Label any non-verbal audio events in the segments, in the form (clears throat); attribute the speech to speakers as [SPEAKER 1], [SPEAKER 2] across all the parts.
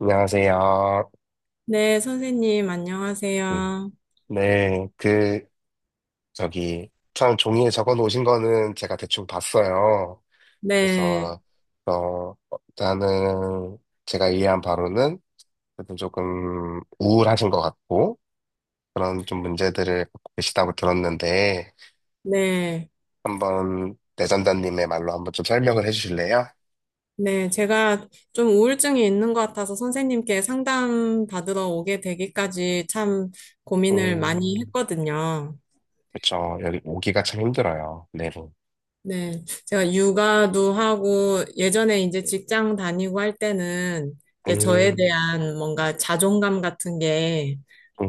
[SPEAKER 1] 안녕하세요.
[SPEAKER 2] 네, 선생님,
[SPEAKER 1] 음,
[SPEAKER 2] 안녕하세요.
[SPEAKER 1] 네, 그, 저기, 처음 종이에 적어 놓으신 거는 제가 대충 봤어요.
[SPEAKER 2] 네,
[SPEAKER 1] 그래서, 어, 일단은 제가 이해한 바로는 그래도 조금 우울하신 것 같고, 그런 좀 문제들을 갖고 계시다고 들었는데,
[SPEAKER 2] 네,
[SPEAKER 1] 한번 내전자님의 말로 한번 좀 설명을 해 주실래요?
[SPEAKER 2] 네. 제가 좀 우울증이 있는 것 같아서 선생님께 상담 받으러 오게 되기까지 참 고민을 많이
[SPEAKER 1] 음,
[SPEAKER 2] 했거든요.
[SPEAKER 1] 그쵸. 여기 오기가 참 힘들어요. 내로.
[SPEAKER 2] 네, 제가 육아도 하고 예전에 이제 직장 다니고 할 때는 이제 저에
[SPEAKER 1] 음,
[SPEAKER 2] 대한 뭔가 자존감 같은 게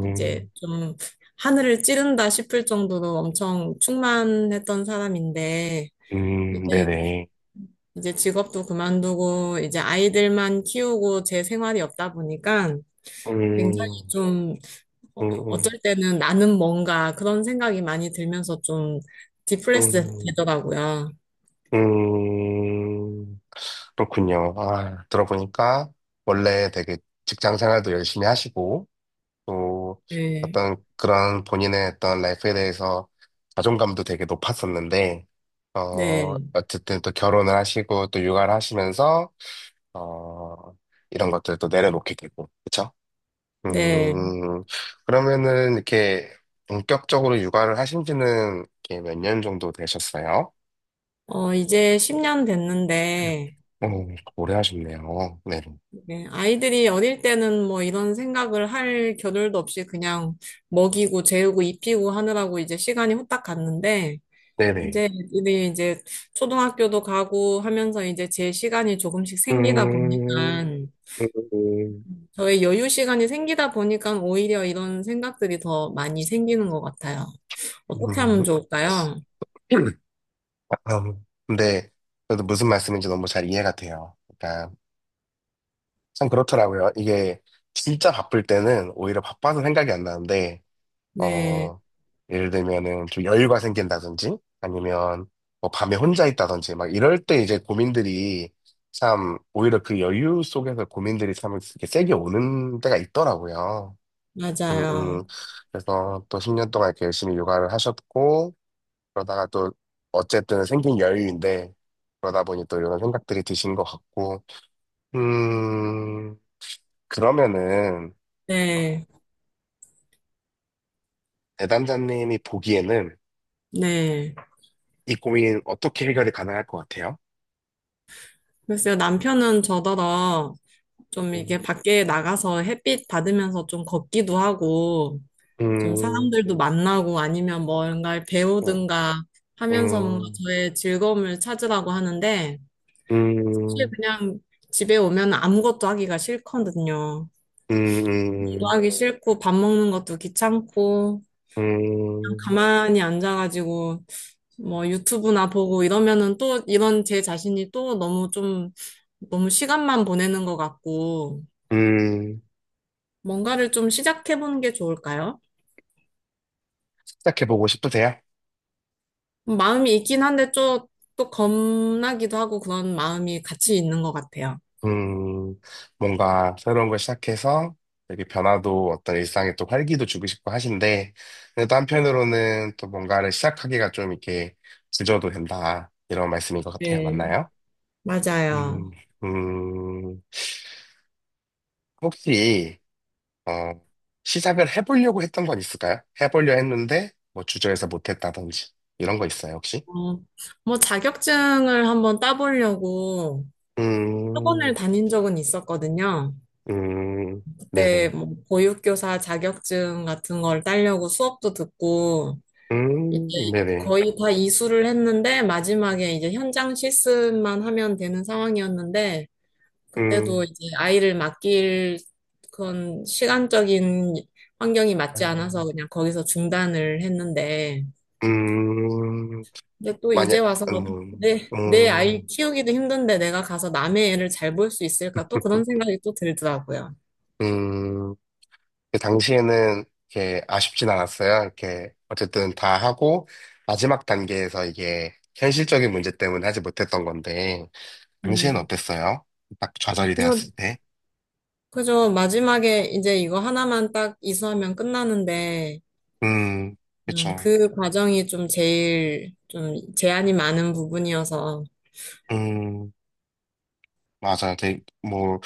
[SPEAKER 2] 이제 좀 하늘을 찌른다 싶을 정도로 엄청 충만했던 사람인데 이제
[SPEAKER 1] 네네.
[SPEAKER 2] 이제 직업도 그만두고 이제 아이들만 키우고 제 생활이 없다 보니까 굉장히
[SPEAKER 1] 음,
[SPEAKER 2] 좀
[SPEAKER 1] 음, 음.
[SPEAKER 2] 어쩔 때는 나는 뭔가 그런 생각이 많이 들면서 좀 디플레스
[SPEAKER 1] 음,
[SPEAKER 2] 되더라고요.
[SPEAKER 1] 음, 그렇군요. 아, 들어보니까 원래 되게 직장 생활도 열심히 하시고, 또
[SPEAKER 2] 네.
[SPEAKER 1] 어떤 그런 본인의 어떤 라이프에 대해서 자존감도 되게 높았었는데,
[SPEAKER 2] 네.
[SPEAKER 1] 어쨌든 또 결혼을 하시고, 또 육아를 하시면서, 어, 이런 것들을 또 내려놓게 되고, 그쵸?
[SPEAKER 2] 네.
[SPEAKER 1] 음, 그러면은 이렇게 본격적으로 육아를 하신 지는 이렇게 몇 년 정도 되셨어요?
[SPEAKER 2] 이제 10년
[SPEAKER 1] 네.
[SPEAKER 2] 됐는데
[SPEAKER 1] 오래 하셨네요. 네.
[SPEAKER 2] 네, 아이들이 어릴 때는 뭐 이런 생각을 할 겨를도 없이 그냥 먹이고 재우고 입히고 하느라고 이제 시간이 후딱 갔는데
[SPEAKER 1] 네네.
[SPEAKER 2] 이제 우리 이제 초등학교도 가고 하면서 이제 제 시간이 조금씩 생기다
[SPEAKER 1] 음,
[SPEAKER 2] 보니까
[SPEAKER 1] 음,
[SPEAKER 2] 저의 여유 시간이 생기다 보니까 오히려 이런 생각들이 더 많이 생기는 것 같아요.
[SPEAKER 1] 음,
[SPEAKER 2] 어떻게 하면
[SPEAKER 1] 음.
[SPEAKER 2] 좋을까요?
[SPEAKER 1] (clears throat) 아, 근데 저도 무슨 말씀인지 너무 잘 이해가 돼요. 그러니까 참 그렇더라고요. 이게 진짜 바쁠 때는 오히려 바빠서 생각이 안 나는데,
[SPEAKER 2] 네,
[SPEAKER 1] 어, 예를 들면은 좀 여유가 생긴다든지 아니면 뭐 밤에 혼자 있다든지 막 이럴 때 이제 고민들이 참 오히려 그 여유 속에서 고민들이 참 이렇게 세게 오는 때가 있더라고요. 음, 음.
[SPEAKER 2] 맞아요.
[SPEAKER 1] 그래서 또 10년 동안 이렇게 열심히 육아를 하셨고, 그러다가 또 어쨌든 생긴 여유인데, 그러다 보니 또 이런 생각들이 드신 것 같고, 음, 그러면은, 어,
[SPEAKER 2] 네,
[SPEAKER 1] 내담자님이 보기에는
[SPEAKER 2] 네.
[SPEAKER 1] 이 고민 어떻게 해결이 가능할 것 같아요?
[SPEAKER 2] 글쎄요, 남편은 저더러 좀 이게
[SPEAKER 1] 음,
[SPEAKER 2] 밖에 나가서 햇빛 받으면서 좀 걷기도 하고 좀
[SPEAKER 1] 음,
[SPEAKER 2] 사람들도 만나고 아니면 뭔가를
[SPEAKER 1] 어,
[SPEAKER 2] 배우든가 하면서 뭔가
[SPEAKER 1] 음,
[SPEAKER 2] 저의 즐거움을 찾으라고 하는데 사실
[SPEAKER 1] 음,
[SPEAKER 2] 그냥 집에 오면 아무것도 하기가 싫거든요. 일도
[SPEAKER 1] 음,
[SPEAKER 2] 하기 싫고 밥 먹는 것도 귀찮고
[SPEAKER 1] 음,
[SPEAKER 2] 그냥
[SPEAKER 1] 음,
[SPEAKER 2] 가만히 앉아가지고 뭐 유튜브나 보고 이러면은 또 이런 제 자신이 또 너무 좀 너무 시간만 보내는 것 같고
[SPEAKER 1] 음.
[SPEAKER 2] 뭔가를 좀 시작해보는 게 좋을까요?
[SPEAKER 1] 시작해보고 싶으세요?
[SPEAKER 2] 마음이 있긴 한데 좀 또 겁나기도 하고 그런 마음이 같이 있는 것 같아요.
[SPEAKER 1] 음, 뭔가 새로운 걸 시작해서 되게 변화도 어떤 일상에 또 활기도 주고 싶고 하신데, 근데 또 한편으로는 또 뭔가를 시작하기가 좀 이렇게 주저도 된다. 이런 말씀인 것 같아요.
[SPEAKER 2] 네,
[SPEAKER 1] 맞나요?
[SPEAKER 2] 맞아요.
[SPEAKER 1] 음, 음, 혹시, 어, 시작을 해보려고 했던 건 있을까요? 해보려 했는데, 뭐 주저해서 못했다든지, 이런 거 있어요, 혹시?
[SPEAKER 2] 어, 뭐 자격증을 한번 따보려고 학원을
[SPEAKER 1] 음,
[SPEAKER 2] 다닌 적은 있었거든요.
[SPEAKER 1] 음,
[SPEAKER 2] 그때
[SPEAKER 1] 네네.
[SPEAKER 2] 뭐 보육교사 자격증 같은 걸 따려고 수업도 듣고 이제
[SPEAKER 1] 네네.
[SPEAKER 2] 거의 다 이수를 했는데 마지막에 이제 현장 실습만 하면 되는 상황이었는데 그때도
[SPEAKER 1] 음.
[SPEAKER 2] 이제 아이를 맡길 그런 시간적인 환경이
[SPEAKER 1] 아.
[SPEAKER 2] 맞지 않아서 그냥 거기서 중단을 했는데,
[SPEAKER 1] 음,
[SPEAKER 2] 근데 또 이제
[SPEAKER 1] 만약,
[SPEAKER 2] 와서
[SPEAKER 1] 음,
[SPEAKER 2] 내, 내 아이
[SPEAKER 1] 음,
[SPEAKER 2] 키우기도 힘든데 내가 가서 남의 애를 잘 볼 수 있을까? 또 그런
[SPEAKER 1] (laughs)
[SPEAKER 2] 생각이 또 들더라고요.
[SPEAKER 1] 음, 그 당시에는 이렇게 아쉽진 않았어요. 이렇게 어쨌든 다 하고 마지막 단계에서 이게 현실적인 문제 때문에 하지 못했던 건데 당시에는
[SPEAKER 2] 네.
[SPEAKER 1] 어땠어요? 딱 좌절이
[SPEAKER 2] 그죠,
[SPEAKER 1] 되었을 때.
[SPEAKER 2] 그죠. 마지막에 이제 이거 하나만 딱 이수하면 끝나는데,
[SPEAKER 1] 음, 그쵸.
[SPEAKER 2] 그 과정이 좀 제일 좀 제한이 많은 부분이어서,
[SPEAKER 1] 음. 맞아요. 되게, 뭐,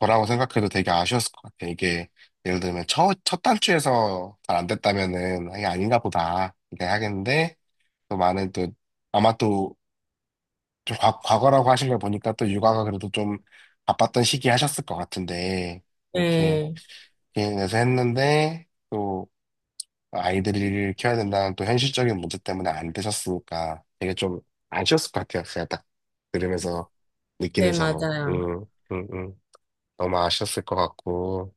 [SPEAKER 1] 저라고 생각해도 되게 아쉬웠을 것 같아요. 이게, 예를 들면, 첫 단추에서 잘 안 됐다면은, 이게 아닌가 보다. 이렇게 하겠는데, 또 많은 또, 아마 또, 좀 과, 과거라고 하신 걸 보니까 또 육아가 그래도 좀 바빴던 시기 하셨을 것 같은데, 이렇게,
[SPEAKER 2] 네,
[SPEAKER 1] 개인에서 했는데, 또, 아이들을 키워야 된다는 또 현실적인 문제 때문에 안 되셨으니까 되게 좀 아쉬웠을 것 같아요. 제가 딱 들으면서 느끼는
[SPEAKER 2] 네,
[SPEAKER 1] 점은.
[SPEAKER 2] 맞아요.
[SPEAKER 1] 음, 음. 너무 아셨을 것 같고,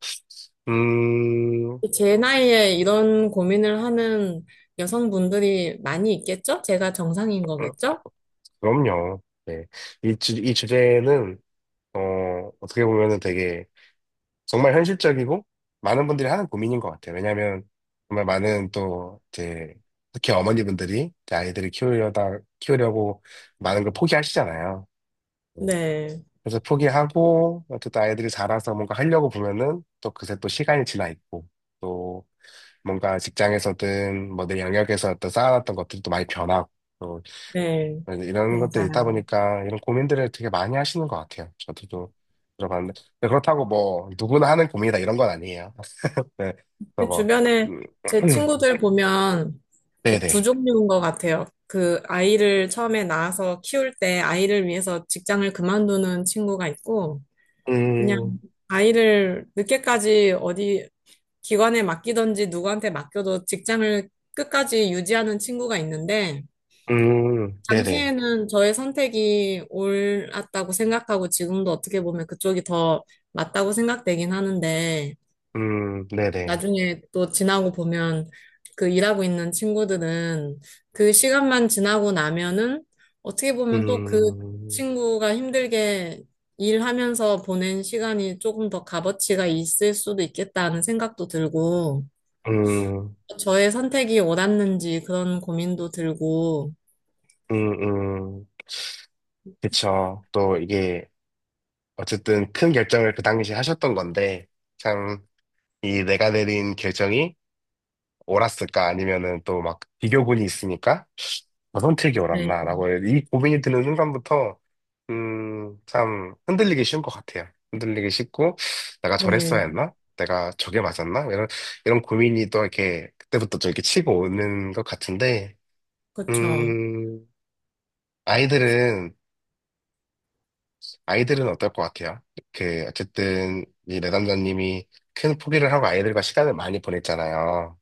[SPEAKER 1] 음,
[SPEAKER 2] 제 나이에 이런 고민을 하는 여성분들이 많이 있겠죠? 제가 정상인 거겠죠?
[SPEAKER 1] 그럼요. 네. 이 주제는, 어, 어떻게 보면은 되게 정말 현실적이고 많은 분들이 하는 고민인 것 같아요. 왜냐면 정말 많은 또, 이제, 특히 어머니분들이 이제 아이들을 키우려고 많은 걸 포기하시잖아요. 음,
[SPEAKER 2] 네,
[SPEAKER 1] 그래서 포기하고, 어쨌든 아이들이 자라서 뭔가 하려고 보면은 또 그새 또 시간이 지나 있고, 또... 뭔가 직장에서든 뭐 내 영역에서 어떤 쌓아놨던 것들도 많이 변하고 또
[SPEAKER 2] 네,
[SPEAKER 1] 이런 것들이 있다
[SPEAKER 2] 맞아요.
[SPEAKER 1] 보니까 이런 고민들을 되게 많이 하시는 것 같아요. 저도 좀 들어봤는데 근데 그렇다고 뭐 누구나 하는 고민이다 이런 건 아니에요. 네, 그래서
[SPEAKER 2] 근데
[SPEAKER 1] 뭐
[SPEAKER 2] 주변에
[SPEAKER 1] 음,
[SPEAKER 2] 제
[SPEAKER 1] (clears throat)
[SPEAKER 2] 친구들 보면 이게 두
[SPEAKER 1] 네네
[SPEAKER 2] 종류인 것 같아요. 그 아이를 처음에 낳아서 키울 때 아이를 위해서 직장을 그만두는 친구가 있고, 그냥
[SPEAKER 1] 음,
[SPEAKER 2] 아이를 늦게까지 어디 기관에 맡기던지 누구한테 맡겨도 직장을 끝까지 유지하는 친구가 있는데,
[SPEAKER 1] 네네
[SPEAKER 2] 당시에는 저의 선택이 옳았다고 생각하고 지금도 어떻게 보면 그쪽이 더 맞다고 생각되긴 하는데
[SPEAKER 1] 네네
[SPEAKER 2] 나중에 또 지나고 보면 그 일하고 있는 친구들은 그 시간만 지나고 나면은 어떻게 보면 또 그
[SPEAKER 1] 음,
[SPEAKER 2] 친구가 힘들게 일하면서 보낸 시간이 조금 더 값어치가 있을 수도 있겠다는 생각도 들고
[SPEAKER 1] 음,
[SPEAKER 2] 저의 선택이 옳았는지 그런 고민도 들고
[SPEAKER 1] 음, 음, 그쵸. 또 이게 어쨌든 큰 결정을 그 당시에 하셨던 건데 참. 이 내가 내린 결정이 옳았을까? 아니면은 또 막 비교군이 있으니까 저 선택이
[SPEAKER 2] 네,
[SPEAKER 1] 옳았나라고 이 고민이 드는 순간부터 참 흔들리기 쉬운 것 같아요. 흔들리기 쉽고 내가
[SPEAKER 2] 네,
[SPEAKER 1] 저랬어야 했나? 내가 저게 맞았나? 이런 이런 고민이 또 이렇게 그때부터 좀 이렇게 치고 오는 것 같은데
[SPEAKER 2] 그렇죠.
[SPEAKER 1] 음, 아이들은 아이들은 어떨 것 같아요? 그 어쨌든 이 내담자님이 큰 포기를 하고 아이들과 시간을 많이 보냈잖아요.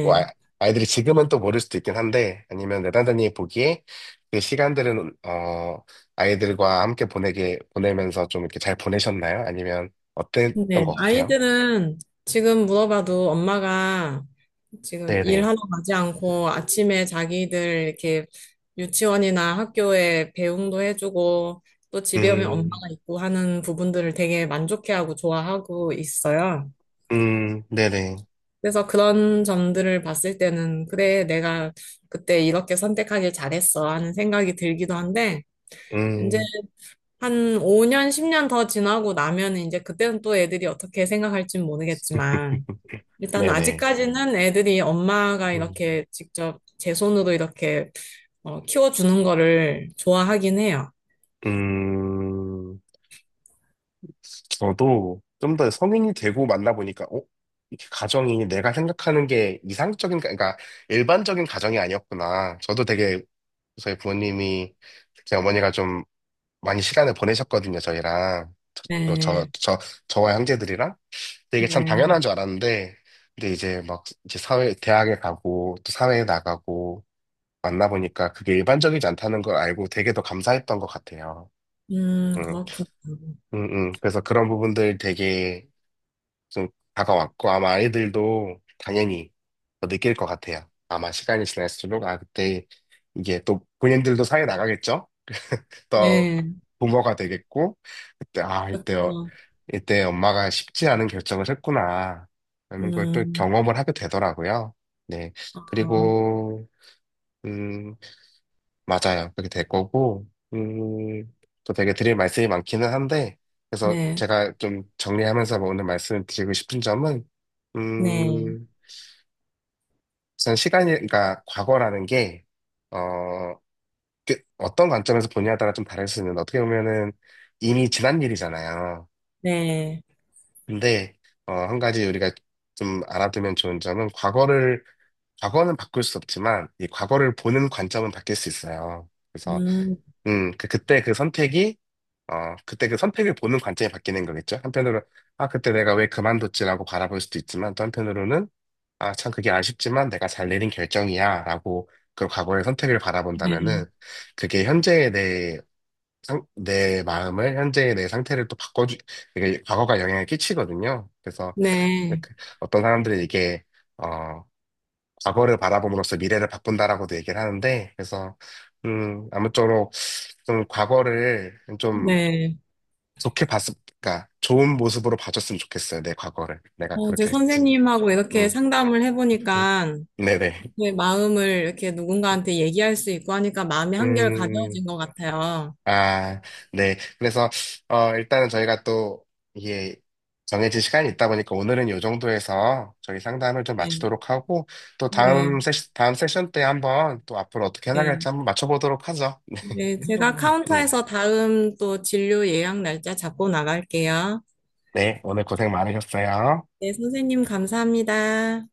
[SPEAKER 1] 뭐 아, 아이들이 지금은 또 모를 수도 있긴 한데 아니면 내단장님이 보기에 그 시간들은 어 아이들과 함께 보내게 보내면서 좀 이렇게 잘 보내셨나요? 아니면 어땠던
[SPEAKER 2] 네,
[SPEAKER 1] 것 같아요?
[SPEAKER 2] 아이들은 지금 물어봐도 엄마가 지금
[SPEAKER 1] 네네.
[SPEAKER 2] 일하러 가지 않고 아침에 자기들 이렇게 유치원이나 학교에 배웅도 해주고 또 집에 오면
[SPEAKER 1] 음,
[SPEAKER 2] 엄마가 있고 하는 부분들을 되게 만족해하고 좋아하고 있어요.
[SPEAKER 1] 네네.
[SPEAKER 2] 그래서 그런 점들을 봤을 때는 그래, 내가 그때 이렇게 선택하길 잘했어 하는 생각이 들기도 한데 이제
[SPEAKER 1] 음,
[SPEAKER 2] 한 5년, 10년 더 지나고 나면 이제 그때는 또 애들이 어떻게 생각할진
[SPEAKER 1] (laughs)
[SPEAKER 2] 모르겠지만 일단
[SPEAKER 1] 네네.
[SPEAKER 2] 아직까지는 애들이 엄마가
[SPEAKER 1] 음,
[SPEAKER 2] 이렇게 직접 제 손으로 이렇게 키워주는 거를 좋아하긴 해요.
[SPEAKER 1] 음, 저도 좀 더 성인이 되고 만나보니까, 어? 이렇게 가정이 내가 생각하는 게 이상적인, 그러니까 일반적인 가정이 아니었구나. 저도 되게 저희 부모님이 특히 어머니가 좀 많이 시간을 보내셨거든요, 저희랑.
[SPEAKER 2] 네,
[SPEAKER 1] 저와 형제들이랑. 근데 이게 참
[SPEAKER 2] 네.
[SPEAKER 1] 당연한 줄 알았는데, 근데 이제 막 이제 사회, 대학에 가고 또 사회에 나가고 만나보니까 그게 일반적이지 않다는 걸 알고 되게 더 감사했던 것 같아요. 음,
[SPEAKER 2] 그렇군요.
[SPEAKER 1] 음, 그래서 그런 부분들 되게 좀 다가왔고 아마 아이들도 당연히 더 느낄 것 같아요. 아마 시간이 지날수록 아, 그때 이게 또 본인들도 사회 나가겠죠? 더
[SPEAKER 2] 네,
[SPEAKER 1] 부모가 되겠고, 그때, 아, 이때,
[SPEAKER 2] 그래서,
[SPEAKER 1] 이때 엄마가 쉽지 않은 결정을 했구나. 라는 걸 또
[SPEAKER 2] 음,
[SPEAKER 1] 경험을 하게 되더라고요. 네.
[SPEAKER 2] 어,
[SPEAKER 1] 그리고, 음, 맞아요. 그렇게 될 거고, 음, 또 되게 드릴 말씀이 많기는 한데, 그래서
[SPEAKER 2] 네,
[SPEAKER 1] 제가 좀 정리하면서 뭐 오늘 말씀 드리고 싶은 점은,
[SPEAKER 2] 네,
[SPEAKER 1] 음, 우선 시간이, 그러니까 과거라는 게, 어, 그 어떤 관점에서 보냐에 따라 좀 다를 수 있는데, 어떻게 보면은 이미 지난 일이잖아요.
[SPEAKER 2] 네,
[SPEAKER 1] 근데 한 가지 우리가 좀 알아두면 좋은 점은 과거를 과거는 바꿀 수 없지만 이 과거를 보는 관점은 바뀔 수 있어요. 그래서
[SPEAKER 2] 음,
[SPEAKER 1] 그 그때 그 선택이 그때 그 선택을 보는 관점이 바뀌는 거겠죠. 한편으로 아, 그때 내가 왜 그만뒀지라고 바라볼 수도 있지만 또 한편으로는 아, 참 그게 아쉽지만 내가 잘 내린 결정이야라고 그 과거의 선택을
[SPEAKER 2] 네,
[SPEAKER 1] 바라본다면은 그게 현재의 내, 내 마음을 현재의 내 상태를 또 바꿔주 이게 과거가 영향을 끼치거든요. 그래서
[SPEAKER 2] 네,
[SPEAKER 1] 그- 어떤 사람들이 이게 어 과거를 바라봄으로써 미래를 바꾼다라고도 얘기를 하는데 그래서 아무쪼록 좀 과거를 좀
[SPEAKER 2] 네.
[SPEAKER 1] 좋게 봤을 그러니까 좋은 모습으로 봐줬으면 좋겠어요. 내 과거를 내가
[SPEAKER 2] 제
[SPEAKER 1] 그렇게 했지.
[SPEAKER 2] 선생님하고 이렇게
[SPEAKER 1] 음
[SPEAKER 2] 상담을
[SPEAKER 1] 음,
[SPEAKER 2] 해보니까
[SPEAKER 1] 네네
[SPEAKER 2] 제 마음을 이렇게 누군가한테 얘기할 수 있고 하니까 마음이 한결
[SPEAKER 1] 음,
[SPEAKER 2] 가벼워진 것 같아요.
[SPEAKER 1] 아, 네. 그래서, 일단은 저희가 또, 이게 정해진 시간이 있다 보니까 오늘은 이 정도에서 저희 상담을 좀
[SPEAKER 2] 네,
[SPEAKER 1] 마치도록 하고, 또 다음
[SPEAKER 2] 네,
[SPEAKER 1] 세션 때 한번 또 앞으로 어떻게 해나갈지
[SPEAKER 2] 네.
[SPEAKER 1] 한번 맞춰보도록 하죠.
[SPEAKER 2] 네, 제가
[SPEAKER 1] (laughs) 음,
[SPEAKER 2] 카운터에서 다음 또 진료 예약 날짜 잡고 나갈게요.
[SPEAKER 1] 네. 오늘 고생 많으셨어요.
[SPEAKER 2] 네, 선생님 감사합니다.